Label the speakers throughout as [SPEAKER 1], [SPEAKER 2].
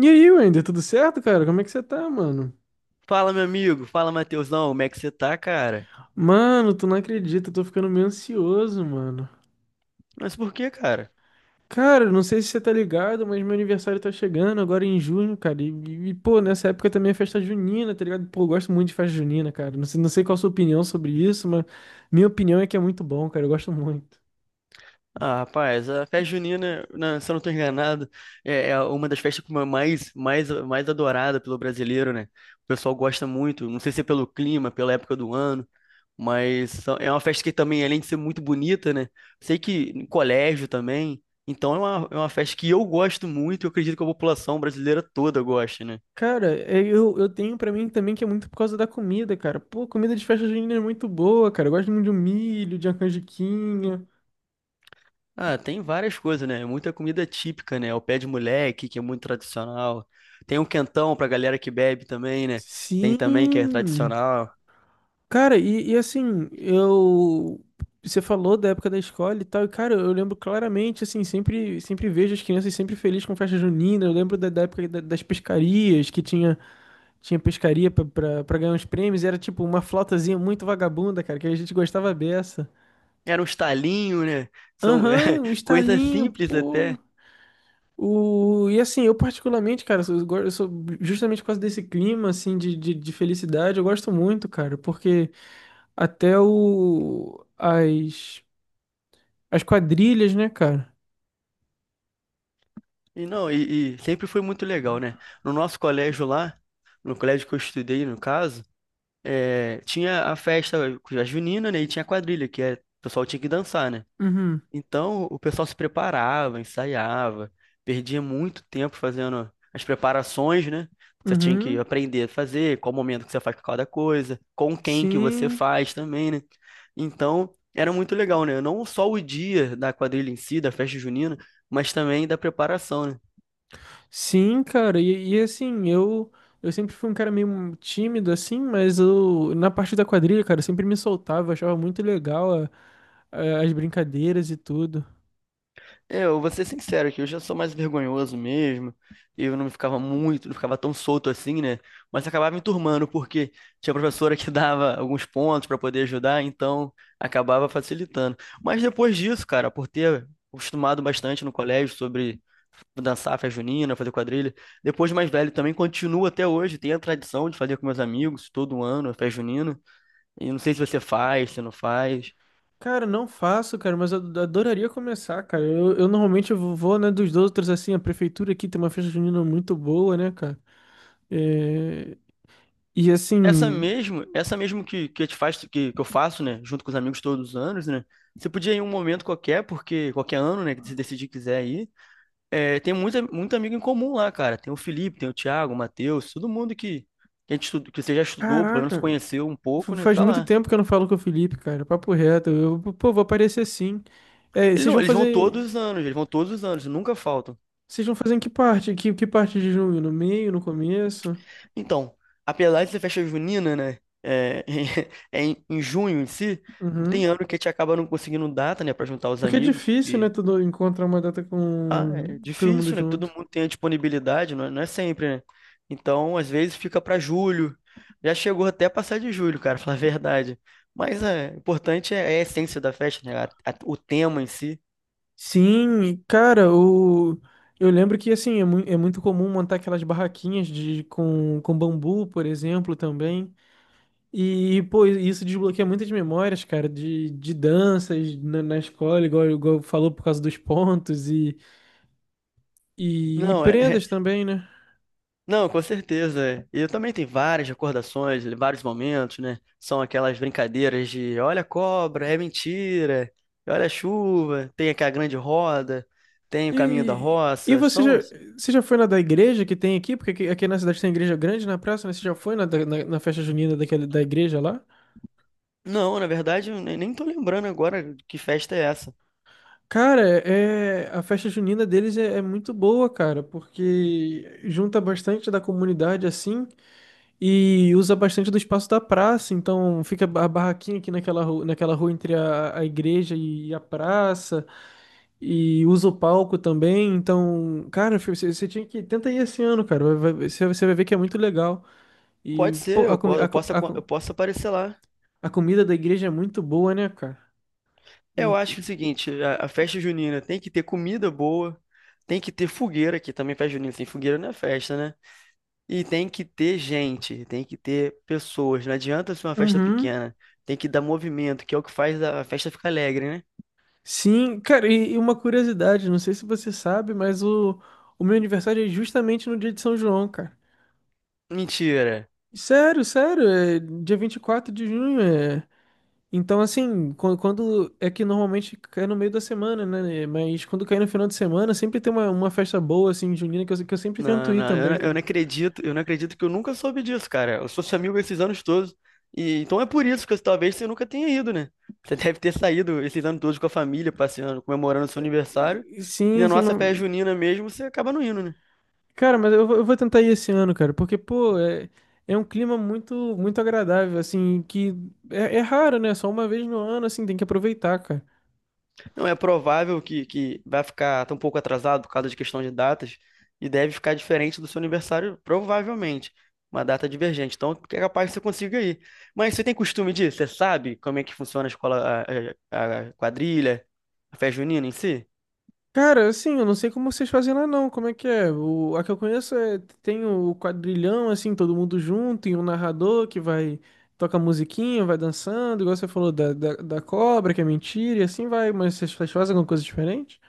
[SPEAKER 1] E aí, Wender, tudo certo, cara? Como é que você tá, mano?
[SPEAKER 2] Fala, meu amigo. Fala, Matheusão. Como é que você tá, cara?
[SPEAKER 1] Mano, tu não acredita, eu tô ficando meio ansioso, mano.
[SPEAKER 2] Mas por que, cara?
[SPEAKER 1] Cara, eu não sei se você tá ligado, mas meu aniversário tá chegando agora em junho, cara. Pô, nessa época também é festa junina, tá ligado? Pô, eu gosto muito de festa junina, cara. Não sei qual a sua opinião sobre isso, mas minha opinião é que é muito bom, cara. Eu gosto muito.
[SPEAKER 2] Ah, rapaz, a festa junina, né, se eu não tô enganado, é uma das festas como é mais, mais, mais adorada pelo brasileiro, né? O pessoal gosta muito, não sei se é pelo clima, pela época do ano, mas é uma festa que também, além de ser muito bonita, né? Sei que em colégio também, então é uma festa que eu gosto muito e eu acredito que a população brasileira toda gosta, né?
[SPEAKER 1] Cara, é, eu tenho pra mim também que é muito por causa da comida, cara. Pô, comida de festa junina é muito boa, cara. Eu gosto muito de um milho, de uma canjiquinha.
[SPEAKER 2] Ah, tem várias coisas, né? Muita comida típica, né? O pé de moleque, que é muito tradicional. Tem o quentão pra galera que bebe também, né? Tem também que é
[SPEAKER 1] Sim.
[SPEAKER 2] tradicional.
[SPEAKER 1] Cara, e assim, eu. Você falou da época da escola e tal, e cara, eu lembro claramente, assim, sempre vejo as crianças sempre felizes com festa junina. Eu lembro da época das pescarias, tinha pescaria pra ganhar uns prêmios, e era tipo uma flautazinha muito vagabunda, cara, que a gente gostava beça.
[SPEAKER 2] Era um estalinho, né? São é,
[SPEAKER 1] Aham, um
[SPEAKER 2] coisas
[SPEAKER 1] estalinho,
[SPEAKER 2] simples
[SPEAKER 1] pô.
[SPEAKER 2] até.
[SPEAKER 1] E assim, eu particularmente, cara, eu sou justamente por causa desse clima, assim, de felicidade, eu gosto muito, cara, porque até o. As. as quadrilhas, né, cara?
[SPEAKER 2] E não, e sempre foi muito legal, né? No nosso colégio lá, no colégio que eu estudei, no caso, tinha a festa, a junina, né? E tinha a quadrilha, que é, o pessoal tinha que dançar, né?
[SPEAKER 1] Uhum.
[SPEAKER 2] Então, o pessoal se preparava, ensaiava, perdia muito tempo fazendo as preparações, né? Você tinha que
[SPEAKER 1] Uhum.
[SPEAKER 2] aprender a fazer, qual momento que você faz cada coisa, com quem que você
[SPEAKER 1] Sim.
[SPEAKER 2] faz também, né? Então, era muito legal, né? Não só o dia da quadrilha em si, da festa junina, mas também da preparação, né?
[SPEAKER 1] Sim, cara. E, assim, eu sempre fui um cara meio tímido, assim, mas eu, na parte da quadrilha, cara, eu sempre me soltava, eu achava muito legal as brincadeiras e tudo.
[SPEAKER 2] Eu vou ser sincero aqui, eu já sou mais vergonhoso mesmo. Eu não ficava muito, não ficava tão solto assim, né? Mas acabava me turmando, porque tinha professora que dava alguns pontos para poder ajudar, então acabava facilitando. Mas depois disso, cara, por ter acostumado bastante no colégio sobre dançar festa junina, fazer quadrilha, depois de mais velho também continuo até hoje, tenho a tradição de fazer com meus amigos todo ano, a festa junina. E não sei se você faz, se não faz.
[SPEAKER 1] Cara, não faço, cara, mas eu adoraria começar, cara. Eu normalmente eu vou, né, dos outros, assim, a prefeitura aqui tem uma festa junina muito boa, né, cara? É, E assim,
[SPEAKER 2] Essa mesmo te faz, que eu faço, né, junto com os amigos todos os anos, né, você podia ir em um momento qualquer, porque qualquer ano, né, que você decidir que quiser ir, tem muita, muito amigo em comum lá, cara, tem o Felipe, tem o Thiago, o Matheus, todo mundo que que você já estudou, pelo menos
[SPEAKER 1] caraca.
[SPEAKER 2] conheceu um pouco, né,
[SPEAKER 1] Faz
[SPEAKER 2] tá
[SPEAKER 1] muito
[SPEAKER 2] lá.
[SPEAKER 1] tempo que eu não falo com o Felipe, cara. Papo reto. Eu, pô, vou aparecer sim. É,
[SPEAKER 2] Ele
[SPEAKER 1] vocês
[SPEAKER 2] não,
[SPEAKER 1] vão
[SPEAKER 2] eles vão
[SPEAKER 1] fazer.
[SPEAKER 2] todos os anos, eles vão todos os anos, nunca faltam.
[SPEAKER 1] Vocês vão fazer em que parte? Que parte de junho? No meio, no começo?
[SPEAKER 2] Então, apesar de ser festa junina, né, é, é em junho em si, tem
[SPEAKER 1] Uhum.
[SPEAKER 2] ano que a gente acaba não conseguindo data, né, pra juntar os
[SPEAKER 1] Porque é
[SPEAKER 2] amigos.
[SPEAKER 1] difícil, né? Tudo encontrar uma data
[SPEAKER 2] Ah,
[SPEAKER 1] com
[SPEAKER 2] é
[SPEAKER 1] todo mundo
[SPEAKER 2] difícil, né? Que todo
[SPEAKER 1] junto.
[SPEAKER 2] mundo tem a disponibilidade, não é, não é sempre, né? Então, às vezes fica para julho. Já chegou até a passar de julho, cara, falar a verdade. Mas o importante é a essência da festa, né? O tema em si.
[SPEAKER 1] Sim, cara, eu lembro que assim, é, é muito comum montar aquelas barraquinhas de... com bambu, por exemplo, também. E, pô, isso desbloqueia muitas memórias, cara, de danças na escola, igual falou, por causa dos pontos e
[SPEAKER 2] Não,
[SPEAKER 1] prendas também, né?
[SPEAKER 2] não, com certeza. É. E eu também tenho várias recordações, vários momentos, né? São aquelas brincadeiras de olha a cobra, é mentira, olha a chuva, tem aquela grande roda, tem o caminho da
[SPEAKER 1] E, e
[SPEAKER 2] roça.
[SPEAKER 1] você já,
[SPEAKER 2] São.
[SPEAKER 1] você já foi na da igreja que tem aqui? Porque aqui na cidade tem igreja grande na praça, né? Você já foi na festa junina daquela, da igreja lá?
[SPEAKER 2] Não, na verdade, eu nem tô lembrando agora que festa é essa.
[SPEAKER 1] Cara, é, a festa junina deles é muito boa, cara, porque junta bastante da comunidade assim. E usa bastante do espaço da praça, então fica a barraquinha aqui naquela rua entre a igreja e a praça, e usa o palco também, então, cara, você tinha que... Tenta ir esse ano, cara, você vai ver que é muito legal.
[SPEAKER 2] Pode
[SPEAKER 1] E,
[SPEAKER 2] ser,
[SPEAKER 1] pô, a,
[SPEAKER 2] eu, po-
[SPEAKER 1] comi-
[SPEAKER 2] eu
[SPEAKER 1] a, co-
[SPEAKER 2] posso,
[SPEAKER 1] a,
[SPEAKER 2] aco- eu
[SPEAKER 1] co-
[SPEAKER 2] posso aparecer lá.
[SPEAKER 1] a comida da igreja é muito boa, né, cara? Hum,
[SPEAKER 2] Eu acho o seguinte, a festa junina tem que ter comida boa, tem que ter fogueira, que também festa junina sem fogueira não é festa, né? E tem que ter gente, tem que ter pessoas. Não adianta ser uma festa
[SPEAKER 1] Uhum.
[SPEAKER 2] pequena. Tem que dar movimento, que é o que faz a festa ficar alegre, né?
[SPEAKER 1] Sim, cara, e uma curiosidade, não sei se você sabe, mas o meu aniversário é justamente no dia de São João, cara.
[SPEAKER 2] Mentira.
[SPEAKER 1] Sério, é dia 24 de junho, é... Então, assim, quando, é que normalmente cai no meio da semana, né? né? Mas quando cai no final de semana, sempre tem uma festa boa, assim, junina, que eu sempre tento
[SPEAKER 2] Não,
[SPEAKER 1] ir
[SPEAKER 2] não, eu não,
[SPEAKER 1] também, cara.
[SPEAKER 2] eu não acredito que eu nunca soube disso, cara. Eu sou seu amigo esses anos todos. E então é por isso que talvez você nunca tenha ido, né? Você deve ter saído esses anos todos com a família, passeando, comemorando seu aniversário. E
[SPEAKER 1] Sim,
[SPEAKER 2] na
[SPEAKER 1] sim.
[SPEAKER 2] nossa festa junina mesmo, você acaba não indo, né?
[SPEAKER 1] Cara, mas eu, eu vou tentar ir esse ano, cara, porque, pô, é, é um clima muito, muito agradável, assim, que é, é raro, né? Só uma vez no ano, assim, tem que aproveitar, cara.
[SPEAKER 2] Não é provável que vai ficar tão pouco atrasado por causa de questão de datas e deve ficar diferente do seu aniversário, provavelmente. Uma data divergente. Então, é capaz que você consiga ir. Mas você tem costume disso? Você sabe como é que funciona a escola, a quadrilha, a festa junina em si?
[SPEAKER 1] Cara, assim, eu não sei como vocês fazem lá não, como é que é? A que eu conheço é, tem o quadrilhão, assim, todo mundo junto, e um narrador que vai, toca musiquinha, vai dançando, igual você falou da cobra, que é mentira, e assim vai, mas vocês fazem alguma coisa diferente?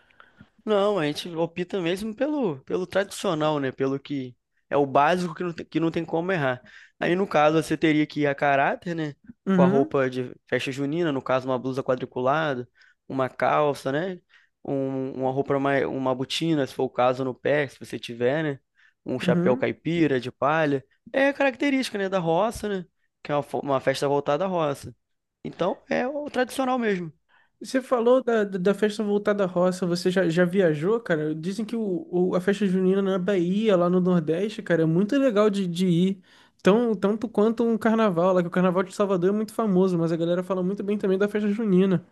[SPEAKER 2] Não, a gente opta mesmo pelo tradicional, né? Pelo que é o básico que não tem como errar. Aí, no caso, você teria que ir a caráter, né? Com a
[SPEAKER 1] Uhum,
[SPEAKER 2] roupa de festa junina, no caso, uma blusa quadriculada, uma calça, né? Uma roupa mais, uma botina, se for o caso, no pé, se você tiver, né? Um chapéu
[SPEAKER 1] uhum.
[SPEAKER 2] caipira de palha. É característica, né? Da roça, né? Que é uma festa voltada à roça. Então, é o tradicional mesmo.
[SPEAKER 1] Você falou da festa voltada à roça, já viajou, cara? Dizem que a festa junina na Bahia, lá no Nordeste, cara, é muito legal de ir. Tanto quanto um carnaval, lá que o carnaval de Salvador é muito famoso, mas a galera fala muito bem também da festa junina.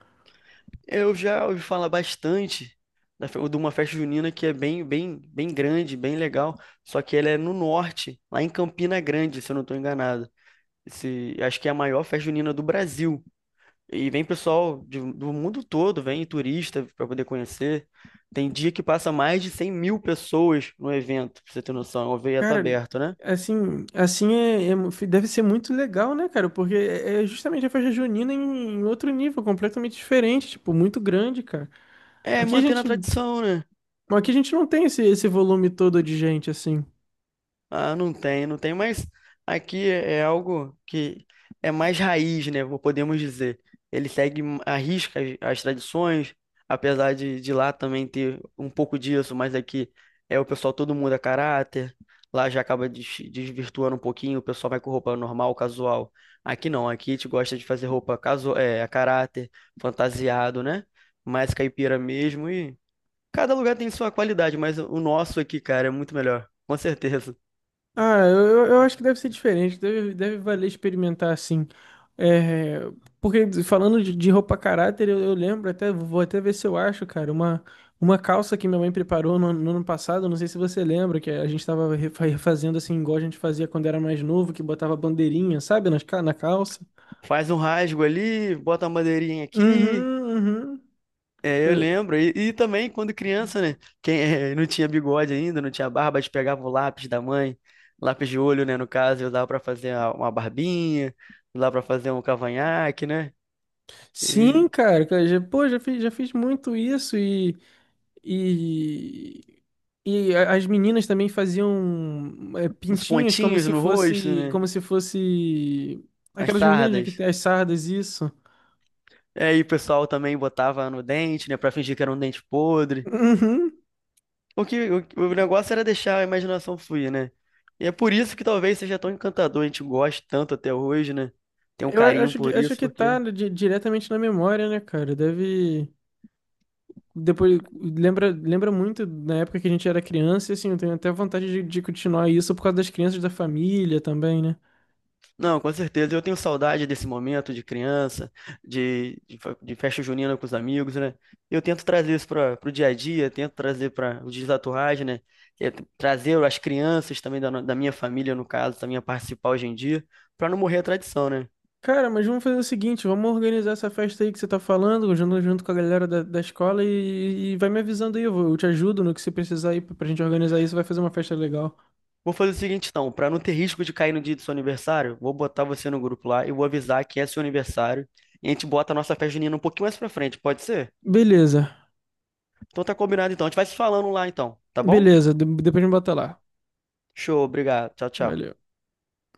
[SPEAKER 2] Eu já ouvi falar bastante de uma festa junina que é bem, bem, bem grande, bem legal. Só que ela é no norte, lá em Campina Grande, se eu não estou enganado. Esse, acho que é a maior festa junina do Brasil. E vem pessoal do mundo todo, vem turista para poder conhecer. Tem dia que passa mais de 100.000 pessoas no evento, pra você ter noção. É um evento
[SPEAKER 1] Cara,
[SPEAKER 2] aberto, né?
[SPEAKER 1] assim é, deve ser muito legal, né, cara? Porque é é justamente a festa junina em, em outro nível, completamente diferente, tipo, muito grande, cara.
[SPEAKER 2] É
[SPEAKER 1] Aqui a
[SPEAKER 2] mantendo a
[SPEAKER 1] gente,
[SPEAKER 2] tradição, né?
[SPEAKER 1] aqui a gente não tem esse, esse volume todo de gente, assim.
[SPEAKER 2] Ah, não tem, não tem, mas aqui é algo que é mais raiz, né? Podemos dizer. Ele segue à risca as tradições, apesar de lá também ter um pouco disso, mas aqui é o pessoal todo mundo muda caráter. Lá já acaba desvirtuando um pouquinho, o pessoal vai com roupa normal, casual. Aqui não, aqui a gente gosta de fazer roupa a caráter, fantasiado, né? Mais caipira mesmo e cada lugar tem sua qualidade, mas o nosso aqui, cara, é muito melhor, com certeza.
[SPEAKER 1] Ah, eu acho que deve ser diferente, deve valer experimentar assim. É, porque falando de roupa caráter, eu lembro até, vou até ver se eu acho, cara, uma calça que minha mãe preparou no ano passado, não sei se você lembra, que a gente tava refazendo assim, igual a gente fazia quando era mais novo, que botava bandeirinha, sabe, na calça.
[SPEAKER 2] Faz um rasgo ali, bota uma madeirinha aqui.
[SPEAKER 1] Uhum, uhum.
[SPEAKER 2] É, eu
[SPEAKER 1] Eu-
[SPEAKER 2] lembro. E também quando criança, né? Quem não tinha bigode ainda, não tinha barba, a gente pegava o lápis da mãe, lápis de olho, né? No caso, eu usava pra fazer uma barbinha, usava pra fazer um cavanhaque, né? E
[SPEAKER 1] sim, cara, cara, já, pô, já fiz muito isso e, as meninas também faziam é,
[SPEAKER 2] uns
[SPEAKER 1] pintinhas
[SPEAKER 2] pontinhos no rosto, né?
[SPEAKER 1] como se fosse
[SPEAKER 2] As
[SPEAKER 1] aquelas meninas, né, que
[SPEAKER 2] sardas.
[SPEAKER 1] tem as sardas, isso.
[SPEAKER 2] É. E aí o pessoal também botava no dente, né? Pra fingir que era um dente podre.
[SPEAKER 1] Uhum.
[SPEAKER 2] O negócio era deixar a imaginação fluir, né? E é por isso que talvez seja tão encantador, a gente gosta tanto até hoje, né? Tem um
[SPEAKER 1] Eu
[SPEAKER 2] carinho
[SPEAKER 1] acho que
[SPEAKER 2] por
[SPEAKER 1] acho
[SPEAKER 2] isso,
[SPEAKER 1] que tá
[SPEAKER 2] porque.
[SPEAKER 1] diretamente na memória, né, cara? Deve depois lembra, lembra muito na época que a gente era criança, e assim, eu tenho até vontade de continuar isso por causa das crianças da família também, né?
[SPEAKER 2] Não, com certeza, eu tenho saudade desse momento de criança, de festa junina com os amigos, né? Eu tento trazer isso para o dia a dia, tento trazer para o Dias da Torragem, né? É, trazer as crianças também da minha família, no caso, também a participar hoje em dia, para não morrer a tradição, né?
[SPEAKER 1] Cara, mas vamos fazer o seguinte, vamos organizar essa festa aí que você tá falando, junto, junto com a galera da escola e vai me avisando aí, eu te ajudo no que você precisar aí pra pra gente organizar isso, vai fazer uma festa legal.
[SPEAKER 2] Vou fazer o seguinte, então, para não ter risco de cair no dia do seu aniversário, vou botar você no grupo lá e vou avisar que é seu aniversário. E a gente bota a nossa festa junina um pouquinho mais pra frente, pode ser?
[SPEAKER 1] Beleza,
[SPEAKER 2] Então tá combinado então. A gente vai se falando lá então, tá bom?
[SPEAKER 1] depois me bota lá.
[SPEAKER 2] Show, obrigado. Tchau,
[SPEAKER 1] Valeu.
[SPEAKER 2] tchau.